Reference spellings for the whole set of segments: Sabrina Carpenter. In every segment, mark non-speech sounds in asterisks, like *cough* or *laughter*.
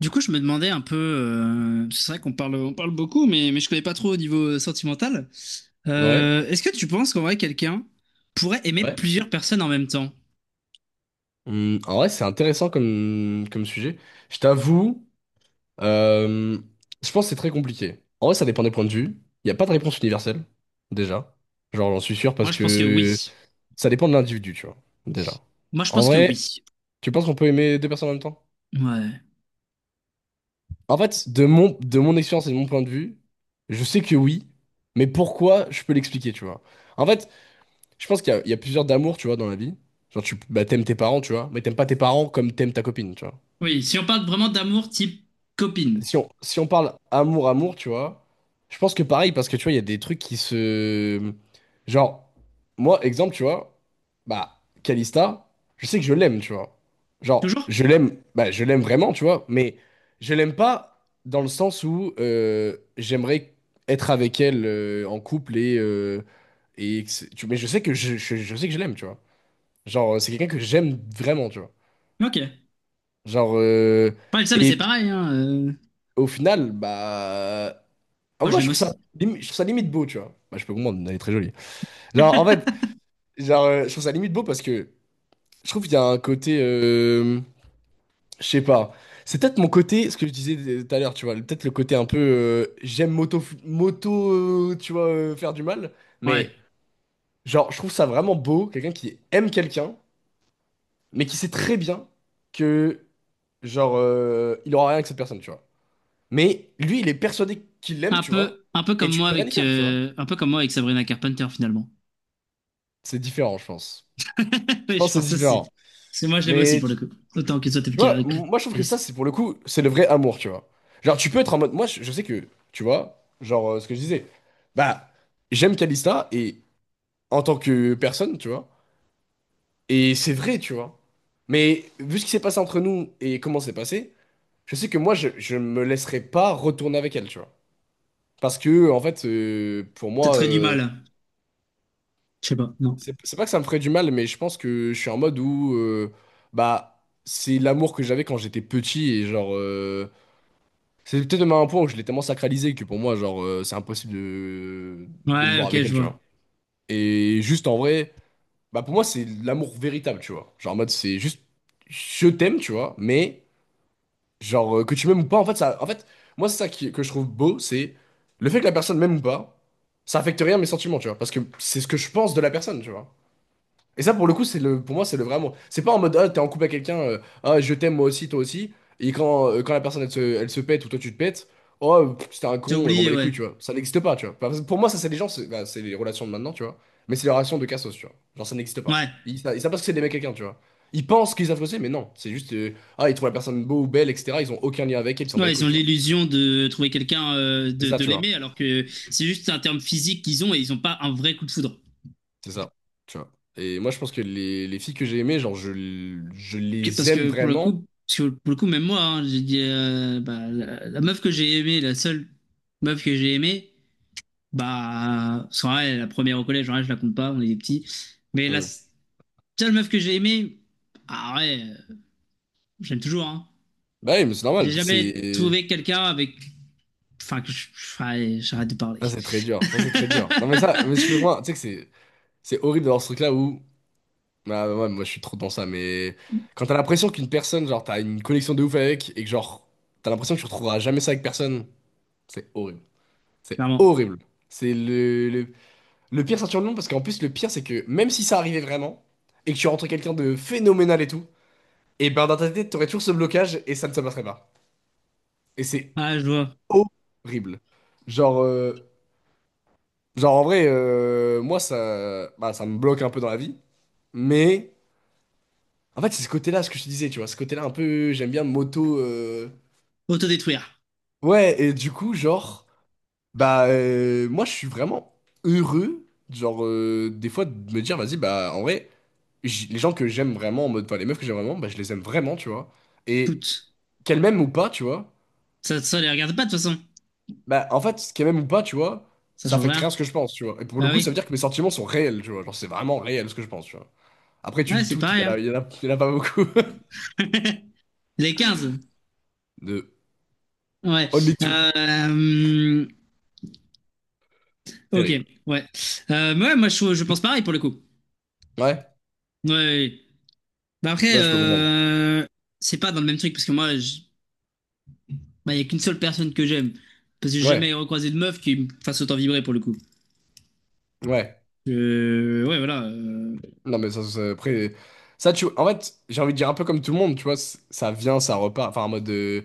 Du coup, je me demandais un peu, c'est vrai qu'on parle, on parle beaucoup, mais je connais pas trop au niveau sentimental. Ouais, Est-ce que tu penses qu'en vrai, quelqu'un pourrait aimer ouais. plusieurs personnes en même temps? En vrai, c'est intéressant comme sujet. Je t'avoue, euh, je pense que c'est très compliqué. En vrai, ça dépend des points de vue. Il n'y a pas de réponse universelle, déjà. Genre, j'en suis sûr Moi, parce je pense que que oui. ça dépend de l'individu, tu vois, déjà. Moi, je En pense que vrai, oui. tu penses qu'on peut aimer deux personnes en même temps? Ouais. En fait, de mon expérience et de mon point de vue, je sais que oui, mais pourquoi, je peux l'expliquer, tu vois. En fait, je pense qu'il y a plusieurs d'amour, tu vois, dans la vie. Genre, tu bah, t'aimes tes parents, tu vois, mais t'aimes pas tes parents comme t'aimes ta copine, tu vois. Oui, si on parle vraiment d'amour type copine. Si on parle amour-amour, tu vois, je pense que pareil, parce que tu vois, il y a des trucs qui se... Genre, moi, exemple, tu vois, bah, Calista, je sais que je l'aime, tu vois. Genre, Toujours? je l'aime, bah, je l'aime vraiment, tu vois, mais je l'aime pas dans le sens où j'aimerais être avec elle en couple et que mais je sais que je sais que je l'aime, tu vois. Genre, c'est quelqu'un que j'aime vraiment, tu vois. Ok. Genre, euh, Parle de ça, mais c'est et pareil, hein, au final, bah... Ah, moi, je moi, je l'aime trouve ça, aussi. Je trouve ça limite beau, tu vois. Bah, je peux comprendre, elle est très jolie. Genre, en fait, je trouve ça limite beau parce que je trouve qu'il y a un côté, je sais pas. C'est peut-être mon côté, ce que je disais tout à l'heure, tu vois. Peut-être le côté un peu, j'aime moto, moto, tu vois, faire du mal. Ouais. Mais, genre, je trouve ça vraiment beau, quelqu'un qui aime quelqu'un, mais qui sait très bien que, il aura rien avec cette personne, tu vois. Mais lui, il est persuadé qu'il l'aime, tu vois. Un peu Et comme tu moi peux rien y avec, faire, tu vois. Un peu comme moi avec Sabrina Carpenter, finalement. C'est différent, je pense. *laughs* Je Oui, je pense que c'est pense aussi. différent. Parce que moi, je l'aime aussi, Mais pour tu, le coup. Autant que toi, tu vois, moi je trouve que ça, efficace. c'est pour le coup, c'est le vrai amour, tu vois. Genre, tu peux être en mode. Moi, je sais que, tu vois, ce que je disais, bah, j'aime Kalista et en tant que personne, tu vois. Et c'est vrai, tu vois. Mais vu ce qui s'est passé entre nous et comment c'est passé, je sais que moi, je me laisserai pas retourner avec elle, tu vois. Parce que, en fait, pour T'as moi, très du mal. Je sais pas, non. c'est pas que ça me ferait du mal, mais je pense que je suis en mode où bah c'est l'amour que j'avais quand j'étais petit et c'est peut-être même un point où je l'ai tellement sacralisé que pour moi c'est impossible de me Ouais, voir ok, avec elle, je tu vois. vois. Et juste en vrai, bah pour moi c'est l'amour véritable, tu vois. Genre en mode c'est juste je t'aime, tu vois, mais que tu m'aimes ou pas, en fait ça en fait moi c'est que je trouve beau, c'est le fait que la personne m'aime ou pas, ça affecte rien à mes sentiments, tu vois, parce que c'est ce que je pense de la personne, tu vois. Et ça, pour le coup, c'est le, pour moi, c'est le vrai amour. C'est pas en mode, ah, t'es en couple avec quelqu'un, ah, je t'aime, moi aussi, toi aussi. Et quand, quand la personne, elle se pète ou toi, tu te pètes, oh, pff, c'était un J'ai con, bon, bah oublié, les couilles, ouais. tu vois. Ça n'existe pas, tu vois. Enfin, pour moi, ça, c'est les gens, c'est bah, c'est les relations de maintenant, tu vois. Mais c'est les relations de cassos, tu vois. Genre, ça n'existe pas. Ouais. Ils savent pas ce que c'est d'aimer quelqu'un, tu vois. Ils pensent qu'ils savent ce que c'est, mais non. C'est juste, ah, ils trouvent la personne beau ou belle, etc. Ils ont aucun lien avec elle, ils s'en battent Ouais, les ils couilles, ont tu vois. l'illusion de trouver quelqu'un, C'est ça, de tu vois. l'aimer, alors que c'est juste un terme physique qu'ils ont et ils n'ont pas un vrai coup de foudre. C'est ça, tu vois. Et moi, je pense que les filles que j'ai aimées, je Que- les Parce aime que pour le vraiment. coup, parce que pour le coup, même moi, hein, j'ai dit, bah, la meuf que j'ai aimée, la seule meuf que j'ai aimée, bah, parce qu'en vrai, la première au collège, en vrai, je la compte pas, on est des petits. Mais la Hmm, seule meuf que j'ai aimée, ah ouais, euh, j'aime toujours, hein. Bah oui, mais c'est J'ai normal. jamais C'est trouvé quelqu'un avec, enfin, enfin, j'arrête de parler. ça, c'est très dur. Ça, c'est très dur. Non, mais ça, mais je suis *laughs* loin. Tu sais que c'est horrible d'avoir ce truc-là où. Bah ouais, moi, je suis trop dans ça. Mais quand t'as l'impression qu'une personne, genre, t'as une connexion de ouf avec et que, genre, t'as l'impression que tu retrouveras jamais ça avec personne, c'est horrible. C'est Clairement. horrible. C'est le pire ceinture de nom parce qu'en plus, le pire, c'est que même si ça arrivait vraiment et que tu rentres quelqu'un de phénoménal et tout, et ben dans ta tête, t'aurais toujours ce blocage et ça ne se passerait pas. Et c'est Ah, je vois. horrible. Genre. euh, Genre, en vrai, moi, ça, bah, ça me bloque un peu dans la vie. Mais, en fait, c'est ce côté-là, ce que je te disais, tu vois. Ce côté-là, un peu, j'aime bien moto. Autodétruire. Ouais, et du coup, genre, bah, moi, je suis vraiment heureux, genre, des fois, de me dire, vas-y, bah, en vrai, les gens que j'aime vraiment, en mode, enfin, les meufs que j'aime vraiment, bah, je les aime vraiment, tu vois. Et Toutes. qu'elles m'aiment ou pas, tu vois. Ça les regarde pas de toute façon. Bah, en fait, qu'elles m'aiment ou pas, tu vois, Ça ça change affecte rien rien. à ce que je pense, tu vois. Et pour le Bah coup, ça veut oui. dire que mes sentiments sont réels, tu vois. Genre, c'est vraiment réel ce que je pense, tu vois. Après, tu Ouais, dis c'est toutes, pareil, hein. Il y en a pas beaucoup. *laughs* *laughs* Les 15. De Ouais. Only Two. Euh, ok. Terrible. Ouais. Ouais, moi, je pense pareil pour le coup. Ouais, Ouais, ouais, ouais. Bah après, là je peux comprendre. C'est pas dans le même truc parce que moi, il bah, y a qu'une seule personne que j'aime. Parce que j'ai Ouais, jamais recroisé de meuf qui me fasse autant vibrer pour le coup. ouais. Ouais, voilà. Non, mais après. Ça, tu. En fait, j'ai envie de dire un peu comme tout le monde, tu vois. Ça vient, ça repart. Enfin, en mode.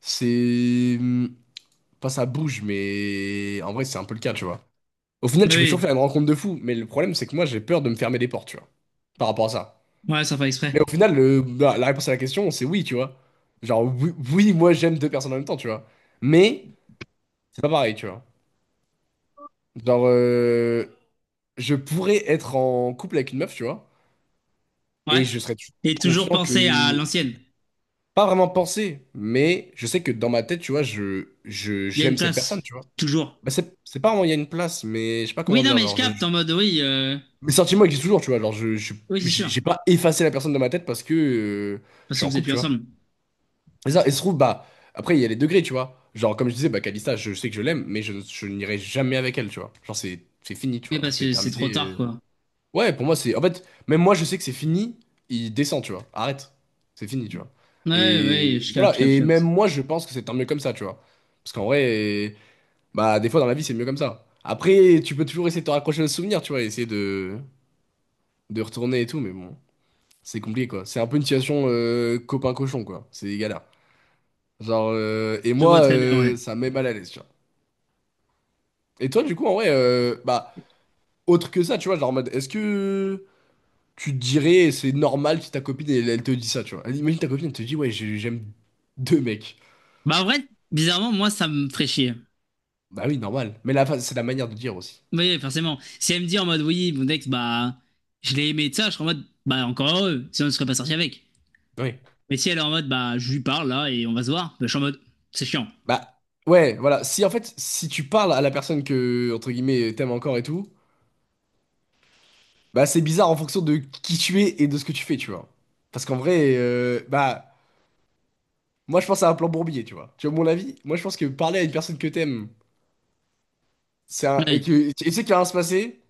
C'est. Pas ça bouge, mais. En vrai, c'est un peu le cas, tu vois. Au final, Bah tu peux toujours oui. faire une rencontre de fou, mais le problème, c'est que moi, j'ai peur de me fermer les portes, tu vois. Par rapport à ça. Ouais, ça fait exprès. Mais au final, la réponse à la question, c'est oui, tu vois. Genre, oui, oui, moi, j'aime deux personnes en même temps, tu vois. Mais, c'est pas pareil, tu vois. Genre, je pourrais être en couple avec une meuf, tu vois, Ouais. et je serais toujours Et toujours conscient penser à que... l'ancienne. Pas vraiment penser, mais je sais que dans ma tête, tu vois, Il y a une j'aime cette place. personne, tu vois. Toujours. Bah, c'est pas vraiment, il y a une place, mais je sais pas Oui, comment non, dire, mais je capte en mode oui, mes sentiments existent toujours, tu vois, oui, c'est j'ai sûr. j'ai pas effacé la personne de ma tête parce que je Parce que suis en vous êtes couple, plus tu vois. ensemble. Et ça, et se trouve, bah, après, il y a les degrés, tu vois. Genre, comme je disais, bah, Kalista, sais que je l'aime, mais je n'irai jamais avec elle, tu vois. Genre, c'est fini, tu Mais vois, genre, parce c'est que c'est trop terminé. tard, euh, quoi. Ouais, pour moi, c'est. En fait, même moi, je sais que c'est fini. Il descend, tu vois. Arrête. C'est fini, tu vois. Ouais, ouais, Et je capte, je voilà. capte, je Et même capte. moi, je pense que c'est tant mieux comme ça, tu vois. Parce qu'en vrai, bah, des fois, dans la vie, c'est mieux comme ça. Après, tu peux toujours essayer de te raccrocher au souvenir, tu vois, de retourner et tout, mais bon, c'est compliqué, quoi. C'est un peu une situation copain-cochon, quoi. C'est galère. Et Je vois moi, très bien, ouais. Ça me met mal à l'aise, tu vois. Et toi, du coup, en vrai, bah, autre que ça, tu vois, genre en mode, est-ce que. Tu te dirais, c'est normal si ta copine, elle te dit ça, tu vois. Imagine ta copine, elle te dit, ouais, j'aime deux mecs. Bah, en vrai, bizarrement, moi, ça me ferait chier. Bah oui, normal. Mais la, c'est la manière de dire aussi. Oui, forcément. Si elle me dit en mode oui, mon ex, bah, je l'ai aimé de ça, je serais en mode bah, encore heureux. Sinon, je serais pas sorti avec. Oui. Mais si elle est en mode bah, je lui parle là et on va se voir, bah, je suis en mode c'est chiant. Bah, ouais, voilà. Si, en fait, si tu parles à la personne que, entre guillemets, t'aimes encore et tout, bah c'est bizarre en fonction de qui tu es et de ce que tu fais, tu vois. Parce qu'en vrai, bah, moi, je pense à un plan bourbier, tu vois. Tu vois, mon avis, moi, je pense que parler à une personne que t'aimes, c'est un, et Oui. que, et tu sais qu'il va rien se passer,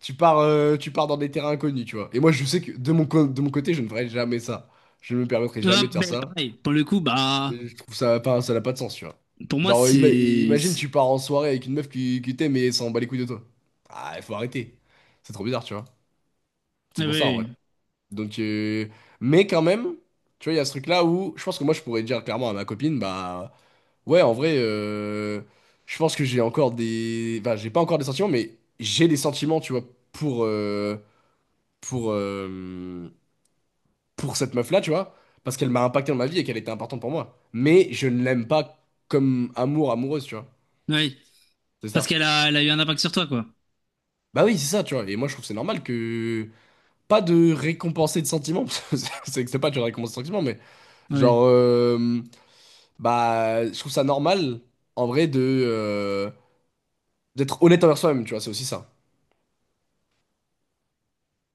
tu pars, tu pars dans des terrains inconnus, tu vois. Et moi, je sais que de mon côté, je ne ferai jamais ça. Je ne me permettrai Ouais, jamais de faire bah, ça. pareil. Pour le coup, bah, Et je trouve ça pas, ça n'a pas de sens, tu vois. pour moi, Genre, c'est. imagine, tu pars en soirée avec une meuf qui t'aime et elle s'en bat les couilles de toi. Ah, il faut arrêter. C'est trop bizarre, tu vois. Ah C'est oui, pour ça, en vrai. oui. Donc, mais quand même, tu vois, il y a ce truc-là où je pense que moi, je pourrais dire clairement à ma copine, bah, ouais, en vrai, je pense que j'ai encore des. Enfin, j'ai pas encore des sentiments, mais j'ai des sentiments, tu vois, pour. euh, pour, euh, pour cette meuf-là, tu vois, parce qu'elle m'a impacté dans ma vie et qu'elle était importante pour moi. Mais je ne l'aime pas comme amour, amoureuse, tu vois. Oui. C'est Parce ça. qu'elle a, elle a eu un impact sur toi, quoi. Bah oui, c'est ça, tu vois. Et moi, je trouve que c'est normal que... Pas de récompenser de sentiments, *laughs* parce que c'est pas de récompenser de sentiments, mais Ah oui. genre... euh, bah, je trouve ça normal, en vrai, de... euh, d'être honnête envers soi-même, tu vois, c'est aussi ça.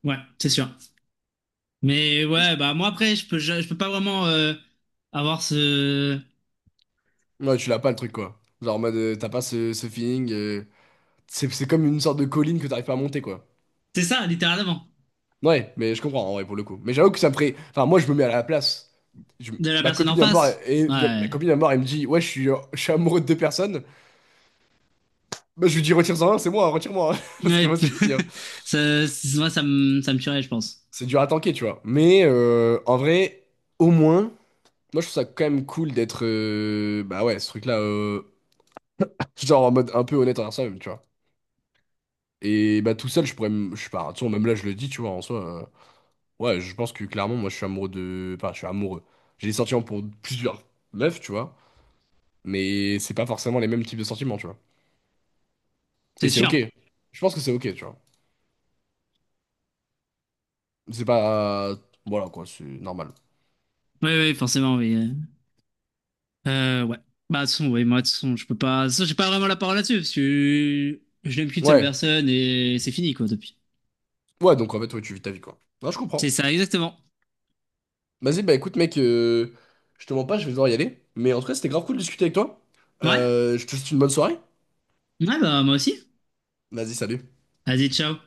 Ouais, c'est sûr. Mais ouais, bah moi après, je peux, je peux pas vraiment avoir ce. Ouais, tu l'as pas le truc, quoi. Genre en mode, t'as pas ce feeling... c'est comme une sorte de colline que t'arrives pas à monter, quoi. C'est ça, littéralement, Ouais, mais je comprends, en vrai, pour le coup. Mais j'avoue que ça me ferait... Enfin, moi, je me mets à la place. Je- de la Ma personne copine en vient me voir, face. Ma Ouais. copine vient me voir, elle me dit, ouais, je suis amoureux de deux personnes. Bah, je lui dis, retire-en un, c'est moi, retire-moi, hein. *laughs* Parce que Ouais. moi, c'est *laughs* fini, hein. Ça, c'est- moi, ça me tuerait, je pense. C'est dur à tanker, tu vois. Mais en vrai, au moins, moi, je trouve ça quand même cool d'être... Bah ouais, ce truc-là, genre en mode un peu honnête envers soi-même, tu vois. Et bah tout seul, je Je sais pas, hein, tu vois, même là, je le dis, tu vois, en soi... Ouais, je pense que clairement, moi, je suis amoureux de. Enfin, je suis amoureux. J'ai des sentiments pour plusieurs meufs, tu vois. Mais c'est pas forcément les mêmes types de sentiments, tu vois. Et C'est c'est ok. sûr. Je pense que c'est ok, tu vois. C'est pas. Voilà, quoi, c'est normal. Oui, oui, forcément, oui. Ouais. Bah, de toute façon, oui, moi, de toute façon, je peux pas. De toute façon, j'ai pas vraiment la parole là-dessus, parce que je n'aime qu'une seule Ouais. personne et c'est fini, quoi, depuis. Ouais, donc en fait, ouais, tu vis ta vie, quoi. Non, je C'est comprends. ça, exactement. Vas-y, bah écoute, mec, je te mens pas, je vais devoir y aller. Mais en tout cas, c'était grave cool de discuter avec toi. Ouais. Je te souhaite une bonne soirée. Ouais, bah, moi aussi. Vas-y, salut. Vas-y, ciao.